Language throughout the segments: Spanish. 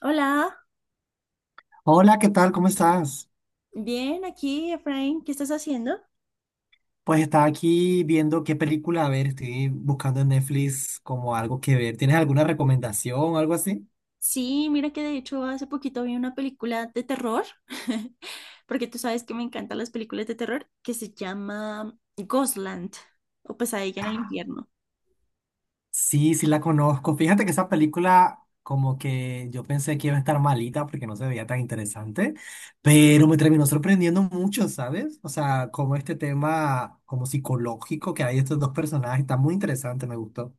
Hola, Hola, ¿qué tal? ¿Cómo estás? bien, aquí, Efraín, ¿qué estás haciendo? Pues estaba aquí viendo qué película, a ver, estoy buscando en Netflix como algo que ver. ¿Tienes alguna recomendación o algo así? Sí, mira que de hecho hace poquito vi una película de terror, porque tú sabes que me encantan las películas de terror, que se llama Ghostland o Pesadilla en el Ah, infierno. sí, sí la conozco. Fíjate que esa película como que yo pensé que iba a estar malita porque no se veía tan interesante, pero me terminó sorprendiendo mucho, ¿sabes? O sea, como este tema como psicológico que hay estos dos personajes, está muy interesante, me gustó.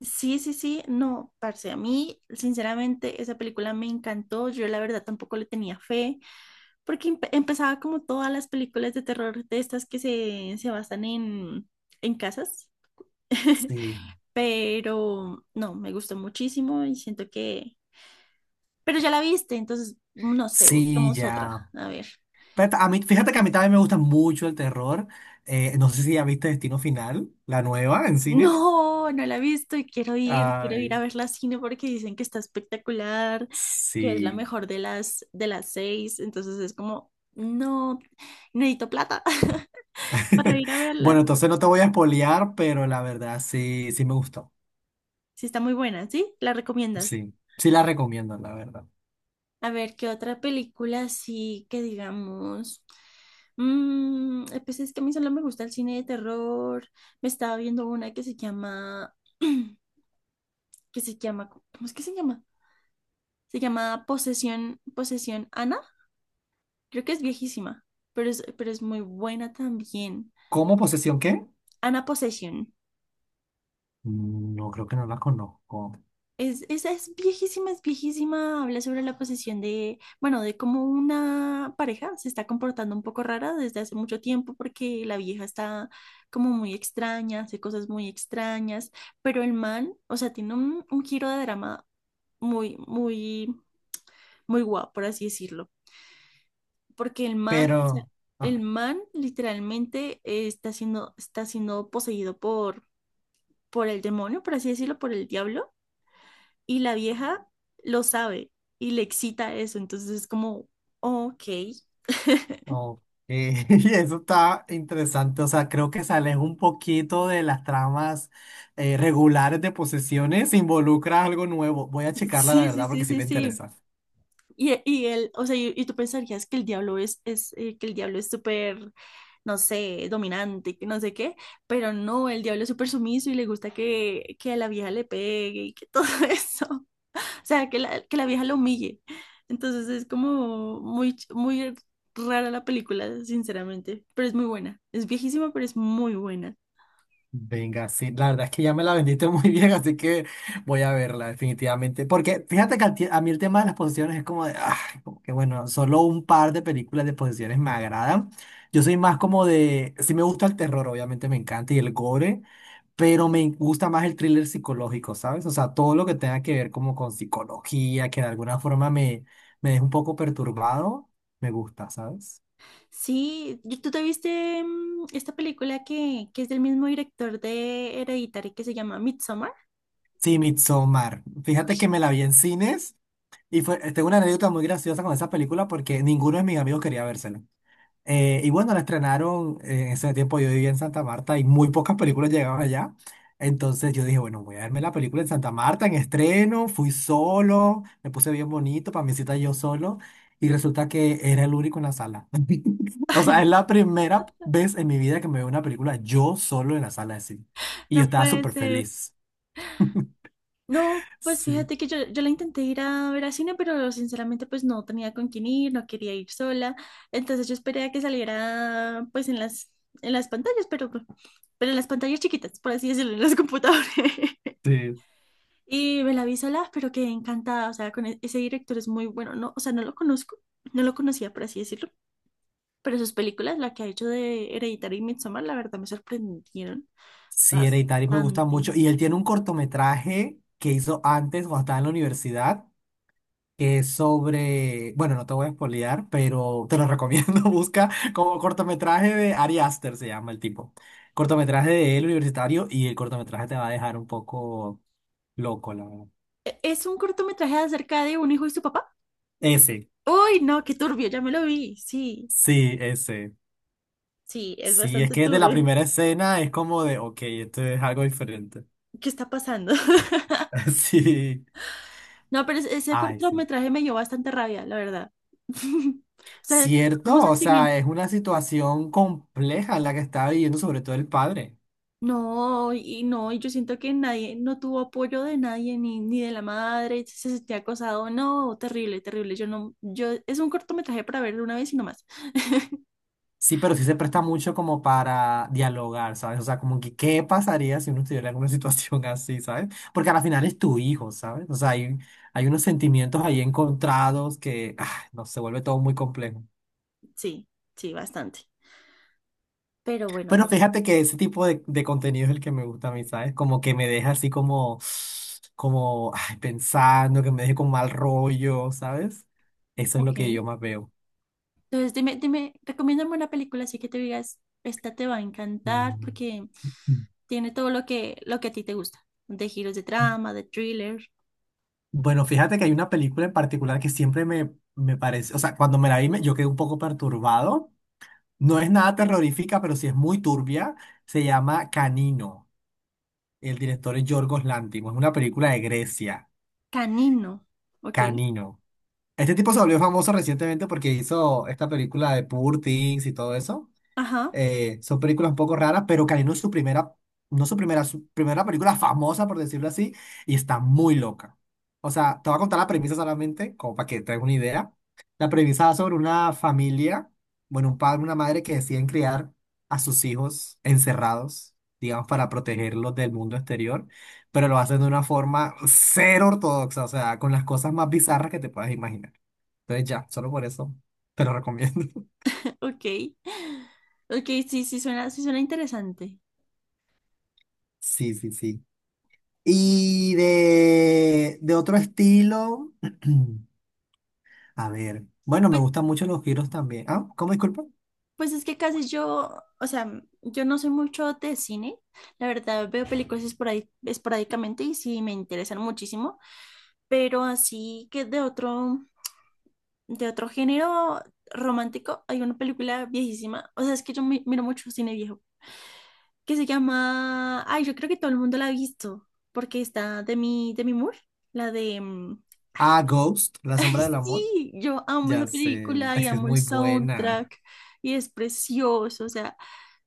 Sí, sí, sí, no, parce, a mí sinceramente esa película me encantó, yo la verdad tampoco le tenía fe, porque empezaba como todas las películas de terror de estas que se basan en casas. Sí, Pero no, me gustó muchísimo y siento que... Pero ya la viste, entonces no sé, sí, buscamos otra. ya. A ver. Pero a mí, fíjate que a mí también me gusta mucho el terror. No sé si ya viste Destino Final, la nueva en cines. No, no la he visto y quiero ir a Ay, verla al cine porque dicen que está espectacular, que es la sí. mejor de de las 6. Entonces es como, no, necesito plata para ir a verla. Bueno, entonces no te voy a espolear, pero la verdad sí, sí me gustó. Sí, está muy buena, ¿sí? ¿La recomiendas? Sí, sí la recomiendo, la verdad. A ver, ¿qué otra película así que digamos? Pues es que a mí solo me gusta el cine de terror. Me estaba viendo una que se llama, que se llama, ¿cómo es que se llama? Se llama Posesión, Posesión Ana. Creo que es viejísima, pero pero es muy buena también. ¿Cómo posesión qué? Ana Posesión. Mm, no, creo que no la conozco. Esa es viejísima, es viejísima. Habla sobre la posesión de, bueno, de cómo una pareja se está comportando un poco rara desde hace mucho tiempo porque la vieja está como muy extraña, hace cosas muy extrañas, pero el man, o sea, tiene un giro de drama muy, muy, muy guapo, por así decirlo. Porque el man, o sea, Pero, el ah. man literalmente está siendo poseído por el demonio, por así decirlo, por el diablo. Y la vieja lo sabe y le excita eso. Entonces es como, ok. Ok, y eso está interesante. O sea, creo que se aleja un poquito de las tramas regulares de posesiones, involucra algo nuevo. Voy a checarla, la Sí, sí, verdad, sí, porque sí sí, me sí. interesa. Y él, o sea, y tú pensarías que el diablo es que el diablo es súper, no sé, dominante, que no sé qué, pero no, el diablo es súper sumiso y le gusta que a la vieja le pegue y que todo eso. O sea, que la vieja lo humille. Entonces es como muy, muy rara la película, sinceramente, pero es muy buena. Es viejísima, pero es muy buena. Venga, sí, la verdad es que ya me la vendiste muy bien, así que voy a verla definitivamente. Porque fíjate que a mí el tema de las posesiones es como de, ah, como que bueno, solo un par de películas de posesiones me agradan. Yo soy más como de, sí me gusta el terror, obviamente me encanta, y el gore. Pero me gusta más el thriller psicológico, ¿sabes? O sea, todo lo que tenga que ver como con psicología, que de alguna forma me, me deja un poco perturbado, me gusta, ¿sabes? Sí, ¿tú te viste esta película que es del mismo director de Hereditary que se llama Midsommar? Sí, Midsommar. Uy, Fíjate que me la vi en cines y fue, tengo una anécdota muy graciosa con esa película porque ninguno de mis amigos quería vérsela. Y bueno, la estrenaron, en ese tiempo yo vivía en Santa Marta y muy pocas películas llegaban allá. Entonces yo dije, bueno, voy a verme la película en Santa Marta en estreno, fui solo, me puse bien bonito para mi cita yo solo y resulta que era el único en la sala. O sea, es No, la primera vez en mi vida que me veo una película yo solo en la sala de cine. Y yo no estaba puede súper ser. feliz. No, pues Sí, fíjate que yo la intenté ir a ver a cine, pero sinceramente pues no tenía con quién ir, no quería ir sola. Entonces yo esperé a que saliera pues en en las pantallas, pero en las pantallas chiquitas, por así decirlo, en los computadores. sí. Y me la vi sola, pero quedé encantada. O sea, con ese director es muy bueno. No, o sea, no lo conozco, no lo conocía, por así decirlo. Pero sus películas, la que ha hecho de Hereditary y Midsommar, la verdad me sorprendieron Sí, Hereditary me gusta bastante. mucho. Y él tiene un cortometraje que hizo antes cuando estaba en la universidad que es sobre, bueno, no te voy a spoilear, pero te lo recomiendo, busca como cortometraje de Ari Aster, se llama el tipo. Cortometraje de él universitario y el cortometraje te va a dejar un poco loco, la verdad. Es un cortometraje acerca de un hijo y su papá. Ese, Uy, no, qué turbio, ya me lo vi. Sí, sí, ese. sí, es Sí, es bastante que de la turbio. primera escena es como de, ok, esto es algo diferente. ¿Qué está pasando? Sí, No, pero ese ay, sí. cortometraje me dio bastante rabia, la verdad. O sea, como Cierto, o sentimiento. sea, es una situación compleja la que está viviendo sobre todo el padre. No, y no, y yo siento que nadie, no tuvo apoyo de nadie, ni de la madre, si se sentía acosado, no, terrible, terrible, yo no, yo, es un cortometraje para verlo una vez y no más. Sí, pero sí se presta mucho como para dialogar, ¿sabes? O sea, como que qué pasaría si uno estuviera en una situación así, ¿sabes? Porque al final es tu hijo, ¿sabes? O sea, hay unos sentimientos ahí encontrados que, ah, no, se vuelve todo muy complejo. Sí, sí, bastante. Pero bueno, a Pero ver, fíjate que ese tipo de contenido es el que me gusta a mí, ¿sabes? Como que me deja así como, como, ay, pensando, que me deje con mal rollo, ¿sabes? Eso es lo ok. que yo más veo. Entonces, dime, dime, recomiéndame una película así que te digas, esta te va a encantar Mm. porque tiene todo lo que a ti te gusta, de giros de trama, de thriller, Bueno, fíjate que hay una película en particular que siempre me parece, o sea, cuando me la vi me- yo quedé un poco perturbado. No es nada terrorífica, pero sí es muy turbia. Se llama Canino. El director es Yorgos Lanthimos. Es una película de Grecia, canino, ok, Canino. Este tipo se volvió famoso recientemente porque hizo esta película de Poor Things y todo eso. ajá, Son películas un poco raras, pero Canino es su primera, no su primera, su primera película famosa, por decirlo así, y está muy loca. O sea, te voy a contar la premisa solamente, como para que te hagas una idea. La premisa va sobre una familia, bueno, un padre, una madre que deciden criar a sus hijos encerrados, digamos, para protegerlos del mundo exterior, pero lo hacen de una forma cero ortodoxa, o sea, con las cosas más bizarras que te puedas imaginar. Entonces ya, solo por eso te lo recomiendo. ok, ok, sí, sí suena interesante. Sí, sí, sí. Y de otro estilo, a ver, bueno, me Pues, gustan mucho los giros también. Ah, ¿cómo disculpa? pues es que casi yo, o sea, yo no soy mucho de cine. La verdad, veo películas esporádicamente y sí me interesan muchísimo. Pero así que de otro género romántico, hay una película viejísima. O sea, es que yo miro mucho cine viejo. Que se llama. Ay, yo creo que todo el mundo la ha visto. Porque está de de mi Moore. La de. Ay, Ah, Ghost, La ay, Sombra del Amor. sí, yo amo esa Ya sé, película y es que es amo el muy buena. soundtrack. Y es precioso. O sea,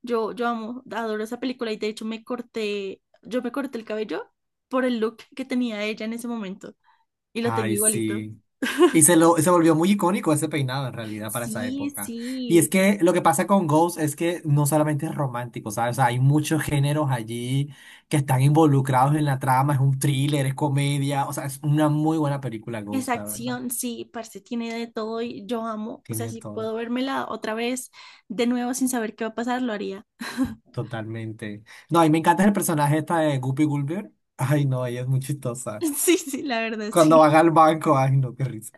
Yo amo, adoro esa película y de hecho yo me corté el cabello por el look que tenía ella en ese momento y lo tengo Ay, igualito. sí. Y se, lo, se volvió muy icónico ese peinado en realidad para esa Sí, época. Y es sí, que lo que pasa con Ghost es que no solamente es romántico, ¿sabes? O sea, hay muchos géneros allí que están involucrados en la trama, es un thriller, es comedia, o sea, es una muy buena película esa Ghost, la verdad. acción, sí, parce, tiene de todo y yo amo, o sea, Tiene si todo. puedo vérmela otra vez de nuevo sin saber qué va a pasar, lo haría. Totalmente. No, y me encanta el personaje esta de Guppy Gulliver. Ay, no, ella es muy chistosa. Sí, sí, la verdad, Cuando sí. van al banco, ay, no, qué risa.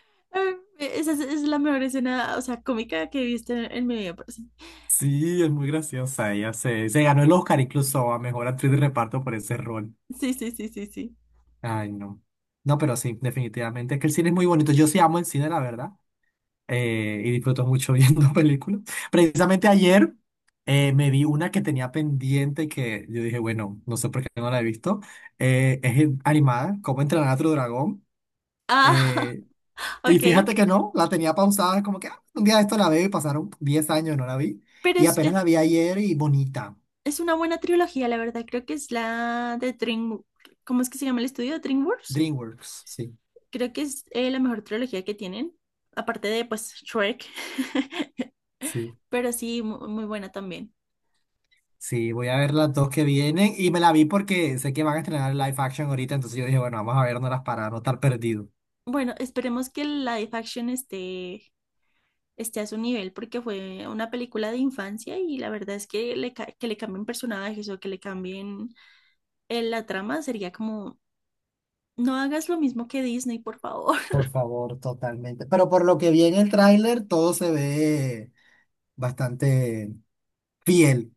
Ay, esa es la mejor escena, o sea, cómica que he visto en mi vida. Parce. Sí, es muy graciosa. Se ganó el Oscar incluso a mejor actriz de reparto por ese rol. Sí, sí, sí, sí, sí. Ay, no. No, pero sí, definitivamente. Es que el cine es muy bonito. Yo sí amo el cine, la verdad. Y disfruto mucho viendo películas. Precisamente ayer me vi una que tenía pendiente y que yo dije, bueno, no sé por qué no la he visto. Es animada, ¿cómo entrenar a tu dragón? Ah, Eh, Y ok. fíjate que no, la tenía pausada, como que ah, un día de esto la veo y pasaron 10 años, no la vi. Pero Y apenas la vi ayer y bonita. es una buena trilogía, la verdad. Creo que es la de Dream... ¿Cómo es que se llama el estudio? DreamWorks. DreamWorks, sí, Creo que es la mejor trilogía que tienen, aparte de, pues, Shrek. sí, Pero sí, muy, buena también. sí, voy a ver las dos que vienen y me la vi porque sé que van a estrenar live action ahorita, entonces yo dije, bueno, vamos a vernoslas para no estar perdido. Bueno, esperemos que la live action esté a su nivel porque fue una película de infancia y la verdad es que que le cambien personajes o que le cambien la trama sería como, no hagas lo mismo que Disney, por favor. Por favor, totalmente. Pero por lo que vi en el tráiler, todo se ve bastante fiel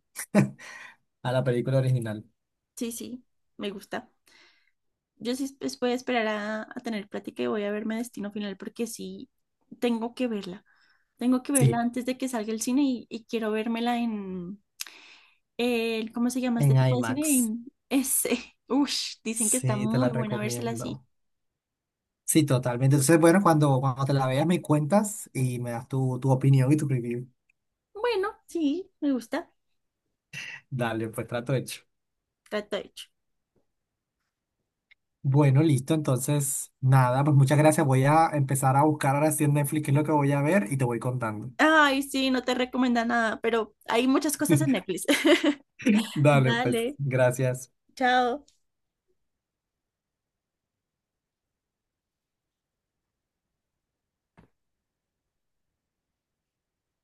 a la película original. Sí, sí, me gusta. Yo sí voy a esperar a tener plática y voy a verme Destino Final porque sí tengo que verla. Tengo que verla Sí, antes de que salga el cine y quiero vérmela en el, ¿cómo se llama este en tipo de cine? IMAX. En ese. Ush, dicen que está Sí, te muy la buena vérsela así. recomiendo. Sí, totalmente. Entonces, bueno, cuando te la veas me cuentas y me das tu opinión y tu review. Bueno, sí, me gusta. Dale, pues trato hecho. Trato hecho. Bueno, listo. Entonces, nada, pues muchas gracias. Voy a empezar a buscar ahora sí en Netflix qué es lo que voy a ver y te voy contando. Ay, sí, no te recomienda nada, pero hay muchas cosas en Netflix. Dale, pues, Dale, gracias. chao.